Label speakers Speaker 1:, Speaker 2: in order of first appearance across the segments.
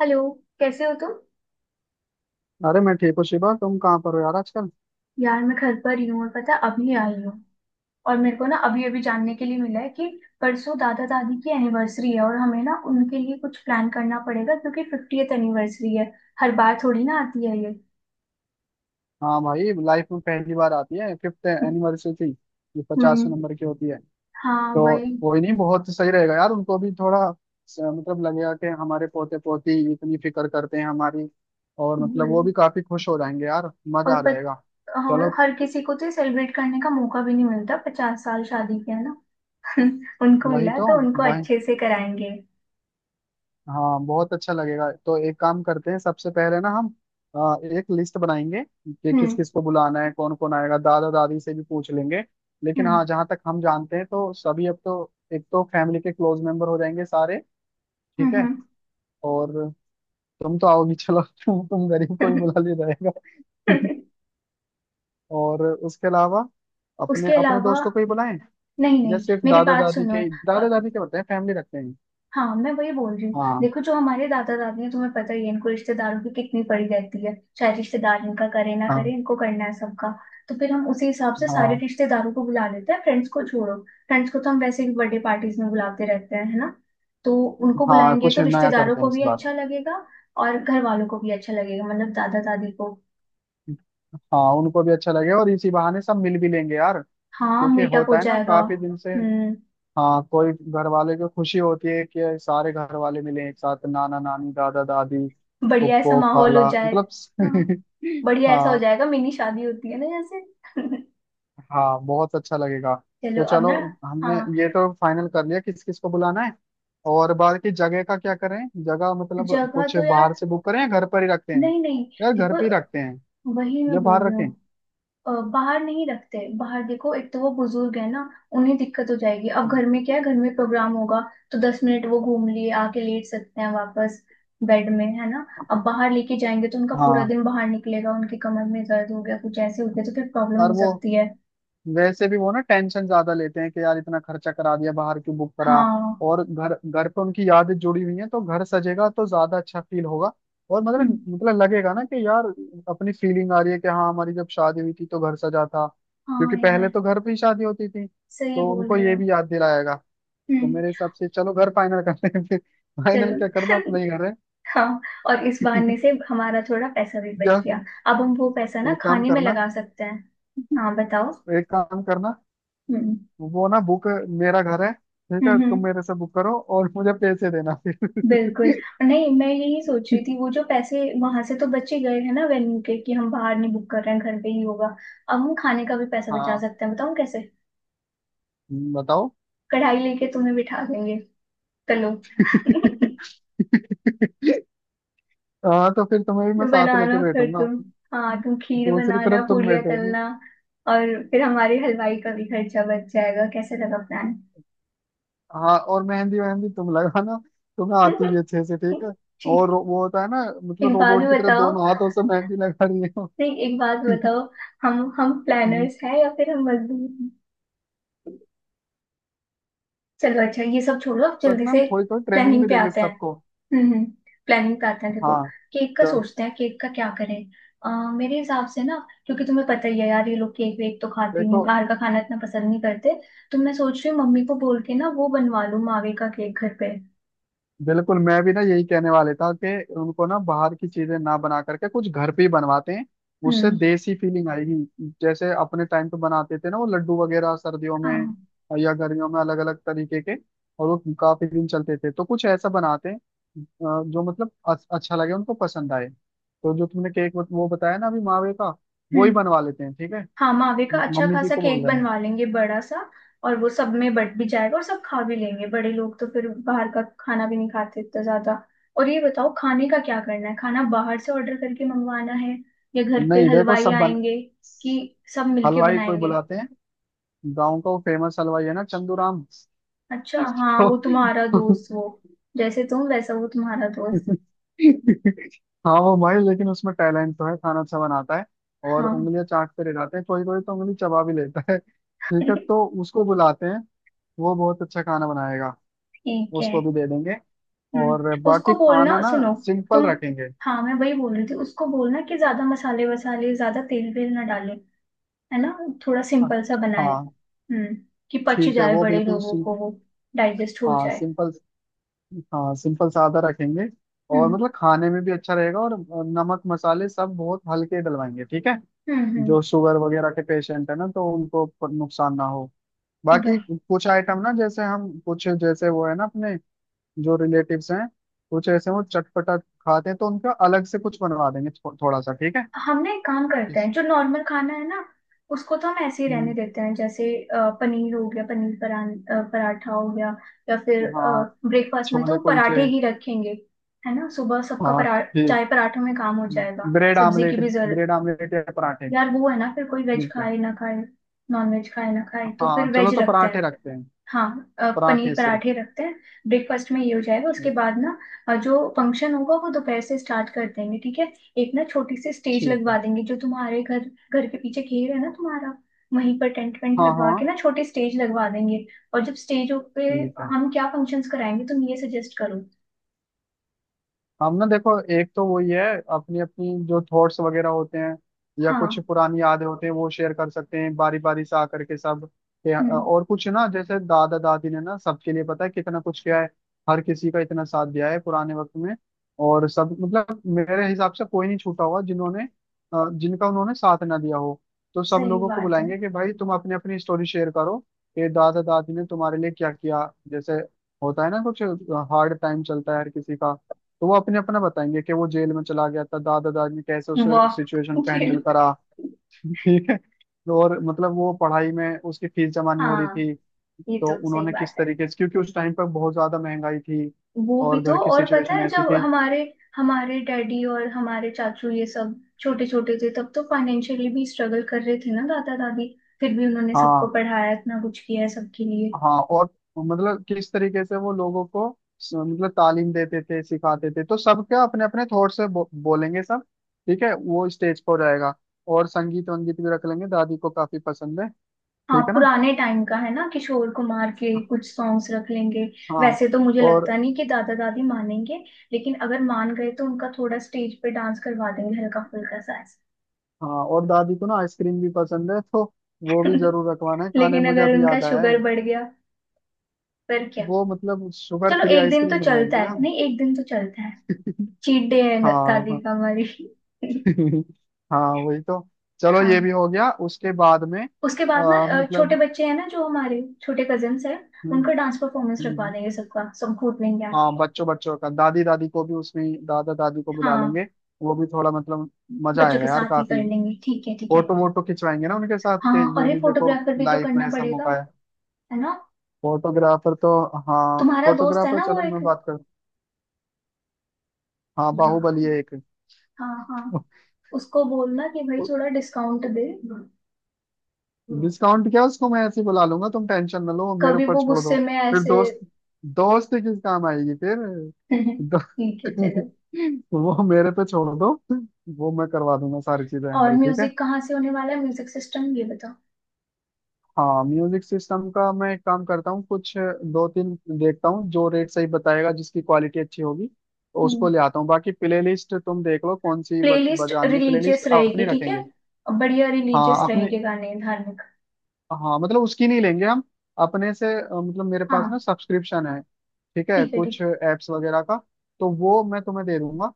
Speaker 1: Hello. कैसे हो तुम।
Speaker 2: अरे मैं ठीक हूँ शिवा। तुम कहाँ पर हो यार आजकल?
Speaker 1: यार मैं घर पर ही हूँ और पता है, अभी आई हूँ। और मेरे को ना अभी अभी जानने के लिए मिला है कि परसों दादा दादी की एनिवर्सरी है और हमें ना उनके लिए कुछ प्लान करना पड़ेगा क्योंकि 50वीं एनिवर्सरी है। हर बार थोड़ी ना आती है ये।
Speaker 2: हाँ भाई, लाइफ में पहली बार आती है फिफ्थ एनिवर्सरी थी। ये 50
Speaker 1: हम्म।
Speaker 2: नंबर की होती है।
Speaker 1: हाँ
Speaker 2: तो
Speaker 1: वही।
Speaker 2: कोई नहीं, बहुत सही रहेगा यार। उनको भी थोड़ा मतलब लगेगा कि हमारे पोते पोती इतनी फिक्र करते हैं हमारी। और मतलब वो
Speaker 1: वही।
Speaker 2: भी काफी खुश हो जाएंगे यार।
Speaker 1: और
Speaker 2: मजा आ
Speaker 1: पत,
Speaker 2: जाएगा।
Speaker 1: और
Speaker 2: चलो।
Speaker 1: हर किसी को तो सेलिब्रेट करने का मौका भी नहीं मिलता, 50 साल शादी के, है ना। उनको
Speaker 2: वही
Speaker 1: मिला
Speaker 2: तो।
Speaker 1: तो उनको
Speaker 2: वही।
Speaker 1: अच्छे से कराएंगे।
Speaker 2: हाँ बहुत अच्छा लगेगा। तो एक काम करते हैं, सबसे पहले ना हम एक लिस्ट बनाएंगे कि किस
Speaker 1: हम्म।
Speaker 2: किस को बुलाना है, कौन कौन आएगा, दादा दादी से भी पूछ लेंगे। लेकिन
Speaker 1: हम्म।
Speaker 2: हाँ, जहाँ तक हम जानते हैं तो सभी अब तो एक तो फैमिली के क्लोज मेंबर हो जाएंगे सारे। ठीक है।
Speaker 1: हम्म।
Speaker 2: और तुम तो आओगी, चलो तुम गरीब को ही
Speaker 1: हम्म।
Speaker 2: बुला लिया जाएगा। और उसके अलावा
Speaker 1: उसके
Speaker 2: अपने अपने
Speaker 1: अलावा।
Speaker 2: दोस्तों को ही बुलाएं,
Speaker 1: नहीं
Speaker 2: या
Speaker 1: नहीं
Speaker 2: सिर्फ
Speaker 1: मेरी
Speaker 2: दादा
Speaker 1: बात
Speaker 2: दादी
Speaker 1: सुनो।
Speaker 2: के
Speaker 1: अ,
Speaker 2: दादा दादी के बताएं फैमिली रखते हैं।
Speaker 1: हाँ मैं वही बोल रही हूँ।
Speaker 2: हाँ,
Speaker 1: देखो जो हमारे दादा दादी हैं तुम्हें पता ही है इनको रिश्तेदारों की कितनी पड़ी रहती है, चाहे रिश्तेदार इनका करे ना करे,
Speaker 2: हाँ,
Speaker 1: इनको करना है सबका। तो फिर हम उसी हिसाब से सारे
Speaker 2: हाँ,
Speaker 1: रिश्तेदारों को बुला लेते हैं, फ्रेंड्स को छोड़ो। फ्रेंड्स को तो हम वैसे भी बर्थडे पार्टीज में बुलाते रहते हैं, है ना। तो उनको
Speaker 2: हाँ,
Speaker 1: बुलाएंगे
Speaker 2: कुछ
Speaker 1: तो
Speaker 2: नया
Speaker 1: रिश्तेदारों
Speaker 2: करते हैं
Speaker 1: को
Speaker 2: इस
Speaker 1: भी
Speaker 2: बार।
Speaker 1: अच्छा लगेगा। और घर वालों को भी अच्छा लगेगा, मतलब दादा दादी को।
Speaker 2: हाँ उनको भी अच्छा लगेगा और इसी बहाने सब मिल भी लेंगे यार,
Speaker 1: हाँ
Speaker 2: क्योंकि
Speaker 1: मीटअप हो
Speaker 2: होता है ना,
Speaker 1: जाएगा।
Speaker 2: काफी दिन से।
Speaker 1: हम्म।
Speaker 2: हाँ, कोई घर वाले को खुशी होती है कि सारे घर वाले मिले एक साथ, नाना नानी दादा दादी
Speaker 1: बढ़िया ऐसा
Speaker 2: फुप्पो
Speaker 1: माहौल हो
Speaker 2: खाला
Speaker 1: जाए। हाँ
Speaker 2: मतलब।
Speaker 1: बढ़िया ऐसा हो
Speaker 2: हाँ।
Speaker 1: जाएगा, मिनी शादी होती है ना जैसे।
Speaker 2: हाँ बहुत अच्छा लगेगा।
Speaker 1: चलो
Speaker 2: तो
Speaker 1: अब
Speaker 2: चलो,
Speaker 1: ना।
Speaker 2: हमने
Speaker 1: हाँ
Speaker 2: ये तो फाइनल कर लिया किस किस को बुलाना है। और बाकी जगह का क्या करें? जगह मतलब
Speaker 1: जगह
Speaker 2: कुछ
Speaker 1: तो यार,
Speaker 2: बाहर से बुक करें या घर पर ही रखते हैं?
Speaker 1: नहीं नहीं
Speaker 2: यार घर पे ही रखते
Speaker 1: देखो,
Speaker 2: हैं,
Speaker 1: वही मैं
Speaker 2: या
Speaker 1: बोल
Speaker 2: बाहर
Speaker 1: रही हूँ।
Speaker 2: रखें?
Speaker 1: बाहर नहीं रखते, बाहर देखो, एक तो वो बुजुर्ग है ना। उन्हें दिक्कत हो जाएगी, अब घर में क्या है, घर में प्रोग्राम होगा तो 10 मिनट वो घूम लिए आके लेट सकते हैं वापस बेड में, है ना। अब बाहर लेके जाएंगे तो उनका पूरा
Speaker 2: हाँ।
Speaker 1: दिन बाहर निकलेगा, उनकी कमर में दर्द हो गया कुछ ऐसे हो गया तो फिर प्रॉब्लम
Speaker 2: और
Speaker 1: हो
Speaker 2: वो,
Speaker 1: सकती है।
Speaker 2: वैसे भी वो ना टेंशन ज्यादा लेते हैं कि यार इतना खर्चा करा दिया, बाहर क्यों बुक करा।
Speaker 1: हाँ।
Speaker 2: और घर घर पे उनकी यादें जुड़ी हुई हैं, तो घर सजेगा तो ज्यादा अच्छा फील होगा। और
Speaker 1: हम्म।
Speaker 2: मतलब लगेगा ना कि यार, अपनी फीलिंग आ रही है कि हाँ, हमारी जब शादी हुई थी तो घर सजा था। क्योंकि
Speaker 1: हाँ यार
Speaker 2: पहले तो घर पे ही शादी होती थी,
Speaker 1: सही
Speaker 2: तो
Speaker 1: बोल
Speaker 2: उनको
Speaker 1: रहे
Speaker 2: ये
Speaker 1: हो।
Speaker 2: भी याद दिलाएगा। तो
Speaker 1: हम्म।
Speaker 2: मेरे हिसाब से चलो घर फाइनल करते हैं फिर। फाइनल क्या
Speaker 1: चलो।
Speaker 2: करना, अपना ही घर है।
Speaker 1: हाँ और इस बहाने से हमारा थोड़ा पैसा भी बच
Speaker 2: या
Speaker 1: गया। अब हम वो पैसा ना
Speaker 2: एक काम
Speaker 1: खाने में
Speaker 2: करना,
Speaker 1: लगा सकते हैं। हाँ बताओ।
Speaker 2: एक काम करना,
Speaker 1: हम्म।
Speaker 2: वो ना, बुक, मेरा घर है ठीक है,
Speaker 1: हम्म।
Speaker 2: तुम
Speaker 1: हम्म।
Speaker 2: मेरे से बुक करो और मुझे पैसे देना
Speaker 1: बिल्कुल।
Speaker 2: फिर।
Speaker 1: नहीं मैं यही सोच रही थी, वो जो पैसे वहां से तो बच ही गए हैं ना वेन्यू के, कि हम बाहर नहीं बुक कर रहे हैं, घर पे ही होगा। अब हम खाने का भी पैसा बचा
Speaker 2: हाँ
Speaker 1: सकते हैं, बताओ कैसे।
Speaker 2: बताओ।
Speaker 1: कढ़ाई लेके तुम्हें बिठा देंगे, चलो।
Speaker 2: हाँ, तो फिर तुम्हें भी मैं साथ
Speaker 1: बनाना
Speaker 2: लेके
Speaker 1: फिर
Speaker 2: बैठूंगा,
Speaker 1: तुम। हाँ तुम खीर
Speaker 2: दूसरी
Speaker 1: बनाना,
Speaker 2: तरफ तुम
Speaker 1: पूड़ियाँ
Speaker 2: बैठोगी।
Speaker 1: तलना, और फिर हमारे हलवाई का भी खर्चा बच जाएगा, कैसे लगा प्लान।
Speaker 2: हाँ, और मेहंदी मेहंदी तुम लगाना, तुम्हें आती भी अच्छे से, ठीक है। और
Speaker 1: ठीक।
Speaker 2: वो होता है ना, मतलब
Speaker 1: एक बात भी
Speaker 2: रोबोट की तरह
Speaker 1: बताओ,
Speaker 2: दोनों हाथों से मेहंदी लगा रही हो।
Speaker 1: नहीं एक बात बताओ। हम प्लानर्स हैं या फिर हम मजदूर हैं। चलो अच्छा ये सब छोड़ो, अब
Speaker 2: सच
Speaker 1: जल्दी
Speaker 2: ना, हम
Speaker 1: से
Speaker 2: थोड़ी थोड़ी ट्रेनिंग
Speaker 1: प्लानिंग
Speaker 2: भी
Speaker 1: पे
Speaker 2: देंगे
Speaker 1: आते हैं।
Speaker 2: सबको।
Speaker 1: हम्म। प्लानिंग करते हैं देखो,
Speaker 2: हाँ
Speaker 1: केक का
Speaker 2: चलो।
Speaker 1: सोचते हैं, केक का क्या करें। अ, मेरे हिसाब से ना, क्योंकि तुम्हें पता ही है यार ये लोग केक वेक तो खाते नहीं,
Speaker 2: देखो,
Speaker 1: बाहर का खाना इतना पसंद नहीं करते। तो मैं सोच रही हूँ मम्मी को बोल के ना वो बनवा लूँ मावे का केक घर पे।
Speaker 2: बिल्कुल मैं भी ना यही कहने वाले था कि उनको ना बाहर की चीजें ना बना करके कुछ घर पे ही बनवाते हैं। उससे
Speaker 1: हम्म।
Speaker 2: देसी फीलिंग आएगी। जैसे अपने टाइम पे बनाते थे ना, वो लड्डू वगैरह सर्दियों में,
Speaker 1: हाँ।
Speaker 2: या गर्मियों में अलग अलग तरीके के। और वो काफी दिन चलते थे, तो कुछ ऐसा बनाते हैं जो मतलब अच्छा लगे, उनको पसंद आए। तो जो तुमने केक वो बताया ना अभी मावे का, वो ही
Speaker 1: हम्म।
Speaker 2: बनवा लेते हैं ठीक है।
Speaker 1: हाँ मावे का अच्छा
Speaker 2: मम्मी जी
Speaker 1: खासा
Speaker 2: को बोल
Speaker 1: केक
Speaker 2: देना।
Speaker 1: बनवा लेंगे बड़ा सा। और वो सब में बट भी जाएगा और सब खा भी लेंगे, बड़े लोग तो फिर बाहर का खाना भी नहीं खाते इतना ज्यादा। और ये बताओ, खाने का क्या करना है, खाना बाहर से ऑर्डर करके मंगवाना है या घर पे
Speaker 2: नहीं देखो
Speaker 1: हलवाई
Speaker 2: सब बन।
Speaker 1: आएंगे कि सब मिलके
Speaker 2: हलवाई कोई
Speaker 1: बनाएंगे।
Speaker 2: बुलाते हैं, गाँव का वो फेमस हलवाई है ना, चंदू राम।
Speaker 1: अच्छा हाँ
Speaker 2: तो
Speaker 1: वो तुम्हारा दोस्त वो, जैसे तुम वैसा वो तुम्हारा दोस्त।
Speaker 2: हाँ वो भाई, लेकिन उसमें टैलेंट तो है, खाना अच्छा बनाता है। और
Speaker 1: हाँ।
Speaker 2: उंगलियां चाटते रह जाते हैं, कोई कोई तो उंगली चबा भी लेता है, ठीक है तो उसको बुलाते हैं। वो बहुत अच्छा खाना बनाएगा।
Speaker 1: ठीक है।
Speaker 2: उसको भी दे देंगे। और
Speaker 1: उसको
Speaker 2: बाकी खाना
Speaker 1: बोलना
Speaker 2: ना
Speaker 1: सुनो
Speaker 2: सिंपल
Speaker 1: तुम।
Speaker 2: रखेंगे।
Speaker 1: हाँ मैं वही बोल रही थी, उसको बोलना कि ज्यादा मसाले वसाले, ज्यादा तेल वेल ना डाले, है ना, थोड़ा सिंपल सा बनाए।
Speaker 2: हाँ
Speaker 1: हम्म। कि पच
Speaker 2: ठीक है,
Speaker 1: जाए
Speaker 2: वो
Speaker 1: बड़े
Speaker 2: बिल्कुल
Speaker 1: लोगों को, वो डाइजेस्ट हो
Speaker 2: हाँ
Speaker 1: जाए।
Speaker 2: सिंपल। हाँ सिंपल सादा रखेंगे। और
Speaker 1: हम्म।
Speaker 2: मतलब खाने में भी अच्छा रहेगा, और नमक मसाले सब बहुत हल्के डलवाएंगे, ठीक है।
Speaker 1: हम्म।
Speaker 2: जो शुगर वगैरह के पेशेंट है ना, तो उनको नुकसान ना हो। बाकी
Speaker 1: भाई
Speaker 2: कुछ आइटम ना, जैसे हम कुछ, जैसे वो है ना अपने, जो रिलेटिव्स हैं, कुछ ऐसे वो चटपटा खाते हैं, तो उनका अलग से कुछ बनवा देंगे थोड़ा सा, ठीक है।
Speaker 1: हम ना एक काम करते हैं,
Speaker 2: इस-
Speaker 1: जो नॉर्मल खाना है ना उसको तो हम ऐसे ही रहने
Speaker 2: हम्म,
Speaker 1: देते हैं, जैसे पनीर हो गया, पराठा हो गया, या फिर
Speaker 2: हाँ।
Speaker 1: ब्रेकफास्ट में
Speaker 2: छोले
Speaker 1: तो पराठे
Speaker 2: कुलचे।
Speaker 1: ही रखेंगे, है ना। सुबह सबका
Speaker 2: हाँ
Speaker 1: परा,
Speaker 2: ठीक।
Speaker 1: चाय पराठों में काम हो जाएगा,
Speaker 2: ब्रेड
Speaker 1: सब्जी की
Speaker 2: आमलेट।
Speaker 1: भी जरूरत।
Speaker 2: ब्रेड आमलेट या पराठे।
Speaker 1: यार वो है ना, फिर कोई वेज
Speaker 2: ठीक है।
Speaker 1: खाए ना खाए, नॉन वेज खाए ना खाए, तो फिर
Speaker 2: हाँ चलो
Speaker 1: वेज
Speaker 2: तो
Speaker 1: रखते
Speaker 2: पराठे
Speaker 1: हैं।
Speaker 2: रखते हैं।
Speaker 1: हाँ पनीर
Speaker 2: पराठे सिर्फ।
Speaker 1: पराठे रखते हैं, ब्रेकफास्ट में ये हो जाएगा। उसके
Speaker 2: ठीक।
Speaker 1: बाद ना जो फंक्शन होगा वो दोपहर से स्टार्ट कर देंगे ठीक है। एक ना छोटी सी स्टेज
Speaker 2: ठीक
Speaker 1: लगवा
Speaker 2: है।
Speaker 1: देंगे, जो तुम्हारे घर, घर के पीछे घेर है ना तुम्हारा, वहीं पर टेंट वेंट
Speaker 2: हाँ।
Speaker 1: लगवा के
Speaker 2: हाँ
Speaker 1: ना छोटी स्टेज लगवा देंगे। और जब स्टेज पे
Speaker 2: ठीक है।
Speaker 1: हम क्या फंक्शंस कराएंगे तुम ये सजेस्ट करो।
Speaker 2: हम ना देखो, एक तो वही है, अपनी अपनी जो थॉट्स वगैरह होते हैं या कुछ
Speaker 1: हाँ।
Speaker 2: पुरानी यादें होते हैं वो शेयर कर सकते हैं बारी बारी से आकर के सब।
Speaker 1: हम्म।
Speaker 2: और कुछ ना, जैसे दादा दादी ने ना सबके लिए पता है कितना कुछ किया है। हर किसी का इतना साथ दिया है पुराने वक्त में। और सब मतलब मेरे हिसाब से कोई नहीं छूटा होगा जिन्होंने जिनका उन्होंने साथ ना दिया हो। तो सब
Speaker 1: सही
Speaker 2: लोगों को
Speaker 1: बात है।
Speaker 2: बुलाएंगे कि भाई तुम अपनी अपनी स्टोरी शेयर करो, कि दादा दादी ने तुम्हारे लिए क्या किया। जैसे होता है ना कुछ हार्ड टाइम चलता है हर किसी का। तो वो अपने अपना बताएंगे कि वो जेल में चला गया था, दादा दादी ने कैसे उस
Speaker 1: वाह।
Speaker 2: सिचुएशन को हैंडल
Speaker 1: जेल पे।
Speaker 2: करा। ठीक है तो। और मतलब वो पढ़ाई में उसकी फीस जमा नहीं हो रही
Speaker 1: हाँ
Speaker 2: थी,
Speaker 1: ये
Speaker 2: तो
Speaker 1: तो सही
Speaker 2: उन्होंने
Speaker 1: बात
Speaker 2: किस
Speaker 1: है।
Speaker 2: तरीके से, क्योंकि उस टाइम पर बहुत ज्यादा महंगाई थी
Speaker 1: वो भी
Speaker 2: और
Speaker 1: तो,
Speaker 2: घर की
Speaker 1: और पता
Speaker 2: सिचुएशन
Speaker 1: है
Speaker 2: ऐसी
Speaker 1: जब
Speaker 2: थी।
Speaker 1: हमारे हमारे डैडी और हमारे चाचू ये सब छोटे छोटे थे, तब तो फाइनेंशियली भी स्ट्रगल कर रहे थे ना दादा दादी। फिर भी उन्होंने सबको
Speaker 2: हाँ।
Speaker 1: पढ़ाया, इतना कुछ किया है सबके लिए।
Speaker 2: हाँ, और मतलब किस तरीके से वो लोगों को मतलब तालीम देते थे, सिखाते थे। तो सबका अपने अपने थॉट से बोलेंगे सब, ठीक है, वो स्टेज पर हो जाएगा। और संगीत वंगीत भी रख लेंगे, दादी को काफी पसंद है।
Speaker 1: हाँ
Speaker 2: ठीक है ना?
Speaker 1: पुराने टाइम का है ना, किशोर कुमार के कुछ सॉन्ग्स रख लेंगे।
Speaker 2: हाँ।
Speaker 1: वैसे तो मुझे
Speaker 2: और
Speaker 1: लगता नहीं कि दादा दादी मानेंगे, लेकिन अगर मान गए तो उनका थोड़ा स्टेज पे डांस करवा देंगे हल्का फुल्का सा ऐसा।
Speaker 2: हाँ, और दादी को ना आइसक्रीम भी पसंद है, तो वो भी जरूर रखवाना है खाने में,
Speaker 1: लेकिन
Speaker 2: मुझे
Speaker 1: अगर
Speaker 2: अभी
Speaker 1: उनका
Speaker 2: याद आया
Speaker 1: शुगर
Speaker 2: है।
Speaker 1: बढ़ गया फिर क्या।
Speaker 2: वो मतलब शुगर
Speaker 1: चलो
Speaker 2: फ्री
Speaker 1: एक दिन तो
Speaker 2: आइसक्रीम
Speaker 1: चलता
Speaker 2: बनवाएंगे ना
Speaker 1: है,
Speaker 2: हम।
Speaker 1: नहीं एक दिन तो चलता है, चीट डे है
Speaker 2: हाँ।
Speaker 1: दादी
Speaker 2: हाँ।
Speaker 1: का हमारी।
Speaker 2: हाँ वही तो। चलो
Speaker 1: हाँ
Speaker 2: ये भी हो गया, उसके बाद में
Speaker 1: उसके बाद ना छोटे
Speaker 2: मतलब।
Speaker 1: बच्चे हैं ना जो हमारे छोटे कजिन्स हैं,
Speaker 2: हम्म,
Speaker 1: उनका डांस परफॉर्मेंस रखवा
Speaker 2: हम्म,
Speaker 1: देंगे, सबका सब कूद लेंगे
Speaker 2: हाँ।
Speaker 1: आके।
Speaker 2: बच्चों बच्चों का दादी दादी को भी, उसमें दादा दादी को बुला लेंगे,
Speaker 1: हाँ
Speaker 2: वो भी थोड़ा मतलब मजा
Speaker 1: बच्चों के
Speaker 2: आएगा यार
Speaker 1: साथ ही
Speaker 2: काफी।
Speaker 1: कर लेंगे, ठीक है ठीक है।
Speaker 2: फोटो वोटो खिंचवाएंगे ना उनके साथ के,
Speaker 1: हाँ
Speaker 2: ये
Speaker 1: और
Speaker 2: भी
Speaker 1: एक
Speaker 2: देखो,
Speaker 1: फोटोग्राफर भी तो
Speaker 2: लाइफ
Speaker 1: करना
Speaker 2: में ऐसा
Speaker 1: पड़ेगा,
Speaker 2: मौका है।
Speaker 1: है ना।
Speaker 2: फोटोग्राफर तो। हाँ
Speaker 1: तुम्हारा दोस्त है
Speaker 2: फोटोग्राफर,
Speaker 1: ना वो
Speaker 2: चलो
Speaker 1: एक।
Speaker 2: मैं बात कर। हाँ बाहुबली
Speaker 1: हाँ
Speaker 2: है एक।
Speaker 1: हाँ। हाँ। उसको बोलना कि भाई थोड़ा डिस्काउंट दे,
Speaker 2: डिस्काउंट क्या, उसको मैं ऐसे ही बुला लूंगा, तुम टेंशन ना लो, वो मेरे
Speaker 1: कभी
Speaker 2: ऊपर
Speaker 1: वो
Speaker 2: छोड़
Speaker 1: गुस्से
Speaker 2: दो।
Speaker 1: में
Speaker 2: फिर
Speaker 1: ऐसे।
Speaker 2: दोस्त, दोस्त किस काम आएगी फिर। दो,
Speaker 1: ठीक है चलो।
Speaker 2: वो मेरे पे छोड़ दो, वो मैं करवा दूंगा सारी चीजें
Speaker 1: और
Speaker 2: हैंडल, ठीक है।
Speaker 1: म्यूजिक कहाँ से होने वाला है, म्यूजिक सिस्टम ये बताओ।
Speaker 2: हाँ, म्यूजिक सिस्टम का मैं एक काम करता हूँ, कुछ दो तीन देखता हूँ जो रेट सही बताएगा, जिसकी क्वालिटी अच्छी होगी तो उसको
Speaker 1: हम्म।
Speaker 2: ले आता हूँ। बाकी प्लेलिस्ट तुम देख लो कौन सी
Speaker 1: प्लेलिस्ट
Speaker 2: बजानी है, प्लेलिस्ट
Speaker 1: रिलीजियस
Speaker 2: अपनी
Speaker 1: रहेगी ठीक है,
Speaker 2: रखेंगे।
Speaker 1: बढ़िया
Speaker 2: हाँ
Speaker 1: रिलीजियस
Speaker 2: अपने।
Speaker 1: रहेंगे गाने धार्मिक।
Speaker 2: हाँ मतलब उसकी नहीं लेंगे हम, अपने से मतलब मेरे पास ना
Speaker 1: हाँ
Speaker 2: सब्सक्रिप्शन है ठीक है,
Speaker 1: ठीक है
Speaker 2: कुछ
Speaker 1: ठीक
Speaker 2: एप्स वगैरह का, तो वो मैं तुम्हें दे दूंगा।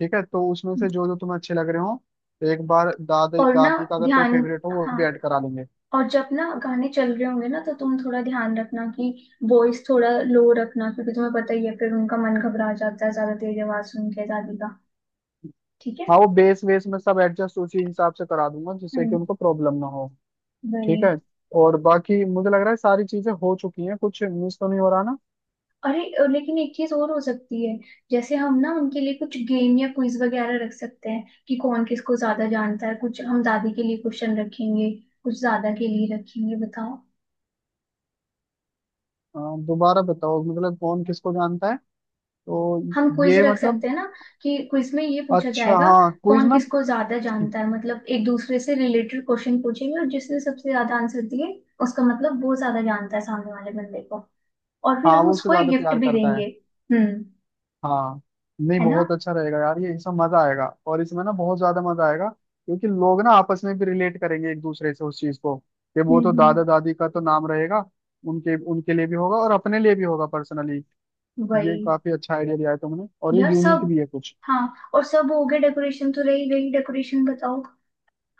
Speaker 2: ठीक है, तो उसमें से जो
Speaker 1: है।
Speaker 2: जो तुम्हें अच्छे लग रहे हो, एक बार दादी
Speaker 1: और ना
Speaker 2: दादी का अगर कोई
Speaker 1: ध्यान,
Speaker 2: फेवरेट हो वो
Speaker 1: हाँ
Speaker 2: भी ऐड करा लेंगे।
Speaker 1: और जब ना गाने चल रहे होंगे ना तो तुम थोड़ा ध्यान रखना कि वॉइस थोड़ा लो रखना, क्योंकि तुम्हें पता ही है फिर उनका मन घबरा जाता है ज्यादा तेज आवाज सुन के, दादी का। ठीक है।
Speaker 2: हाँ वो बेस वेस में सब एडजस्ट उसी हिसाब से करा दूंगा जिससे कि
Speaker 1: हम्म।
Speaker 2: उनको प्रॉब्लम ना हो,
Speaker 1: वही।
Speaker 2: ठीक है। और बाकी मुझे लग रहा है सारी चीजें हो चुकी हैं, कुछ मिस तो नहीं हो रहा ना?
Speaker 1: अरे लेकिन एक चीज और हो सकती है, जैसे हम ना उनके लिए कुछ गेम या क्विज वगैरह रख सकते हैं कि कौन किसको ज्यादा जानता है, कुछ हम दादी के लिए क्वेश्चन रखेंगे, कुछ दादा के लिए रखेंगे, बताओ।
Speaker 2: अ, दोबारा बताओ, मतलब कौन किसको जानता है तो?
Speaker 1: हम क्विज
Speaker 2: ये
Speaker 1: रख
Speaker 2: मतलब,
Speaker 1: सकते हैं ना, कि क्विज में ये पूछा
Speaker 2: अच्छा
Speaker 1: जाएगा
Speaker 2: हाँ, क्विज
Speaker 1: कौन
Speaker 2: में।
Speaker 1: किसको ज्यादा जानता है, मतलब एक दूसरे से रिलेटेड क्वेश्चन पूछेंगे और जिसने सबसे ज्यादा आंसर दिए उसका मतलब वो ज्यादा जानता है सामने वाले बंदे को, और फिर
Speaker 2: हाँ,
Speaker 1: हम
Speaker 2: वो उससे
Speaker 1: उसको एक
Speaker 2: ज्यादा
Speaker 1: गिफ्ट
Speaker 2: प्यार
Speaker 1: भी
Speaker 2: करता
Speaker 1: देंगे।
Speaker 2: है।
Speaker 1: हम्म।
Speaker 2: हाँ नहीं,
Speaker 1: है ना।
Speaker 2: बहुत अच्छा रहेगा यार, ये इसमें मजा आएगा, और इसमें ना बहुत ज्यादा मजा आएगा क्योंकि लोग ना आपस में भी रिलेट करेंगे एक दूसरे से उस चीज को, कि
Speaker 1: हम्म।
Speaker 2: वो तो
Speaker 1: हम्म।
Speaker 2: दादा दादी का तो नाम रहेगा। उनके उनके लिए भी होगा और अपने लिए भी होगा पर्सनली।
Speaker 1: वही।
Speaker 2: ये काफी अच्छा आइडिया दिया है तुमने, और ये
Speaker 1: यार
Speaker 2: यूनिक
Speaker 1: सब,
Speaker 2: भी है कुछ।
Speaker 1: हाँ और सब हो गया, डेकोरेशन तो रही गई, डेकोरेशन बताओ।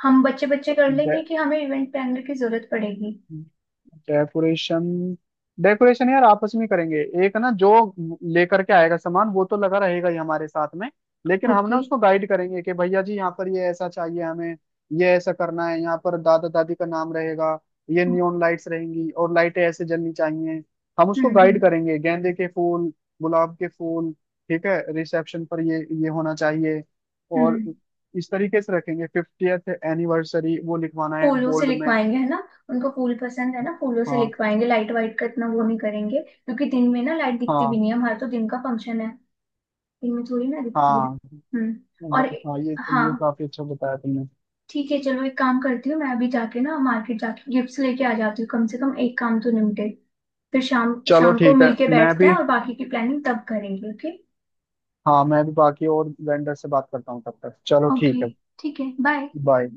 Speaker 1: हम बच्चे बच्चे कर लेंगे कि हमें इवेंट प्लानर की जरूरत पड़ेगी।
Speaker 2: डेकोरेशन। डेकोरेशन यार आपस में करेंगे। एक ना जो लेकर के आएगा सामान, वो तो लगा रहेगा ही हमारे साथ में। लेकिन हम
Speaker 1: ओके।
Speaker 2: ना उसको गाइड करेंगे कि भैया जी, यहाँ पर ये ऐसा चाहिए हमें, ये ऐसा करना है, यहाँ पर दादा दादी का नाम रहेगा, ये
Speaker 1: हम्म।
Speaker 2: नियॉन लाइट्स रहेंगी और लाइटें ऐसे जलनी चाहिए। हम उसको गाइड
Speaker 1: हम्म।
Speaker 2: करेंगे। गेंदे के फूल, गुलाब के फूल। ठीक है, रिसेप्शन पर ये होना चाहिए। और
Speaker 1: हम्म।
Speaker 2: इस तरीके से रखेंगे। 50th एनिवर्सरी वो लिखवाना है
Speaker 1: फूलों से
Speaker 2: बोल्ड में।
Speaker 1: लिखवाएंगे है ना, उनको फूल पसंद है ना, फूलों से
Speaker 2: हाँ।
Speaker 1: लिखवाएंगे। लाइट वाइट का इतना वो नहीं करेंगे क्योंकि दिन में ना लाइट दिखती भी
Speaker 2: हाँ।
Speaker 1: नहीं है, हमारा तो दिन का फंक्शन है, दिन में थोड़ी ना दिखती है।
Speaker 2: हाँ
Speaker 1: हम्म। और
Speaker 2: हाँ, ये
Speaker 1: हाँ
Speaker 2: काफी अच्छा बताया तुमने।
Speaker 1: ठीक है चलो, एक काम करती हूँ मैं अभी जाके ना मार्केट जाके गिफ्ट्स लेके आ जाती हूँ, कम से कम एक काम तो निपटे। फिर शाम
Speaker 2: चलो
Speaker 1: शाम को
Speaker 2: ठीक है।
Speaker 1: मिलके
Speaker 2: मैं
Speaker 1: बैठते
Speaker 2: भी।
Speaker 1: हैं और बाकी की प्लानिंग तब करेंगे, ओके।
Speaker 2: हाँ मैं भी बाकी और वेंडर से बात करता हूँ तब तक। चलो ठीक
Speaker 1: ओके
Speaker 2: है।
Speaker 1: ठीक है बाय।
Speaker 2: बाय।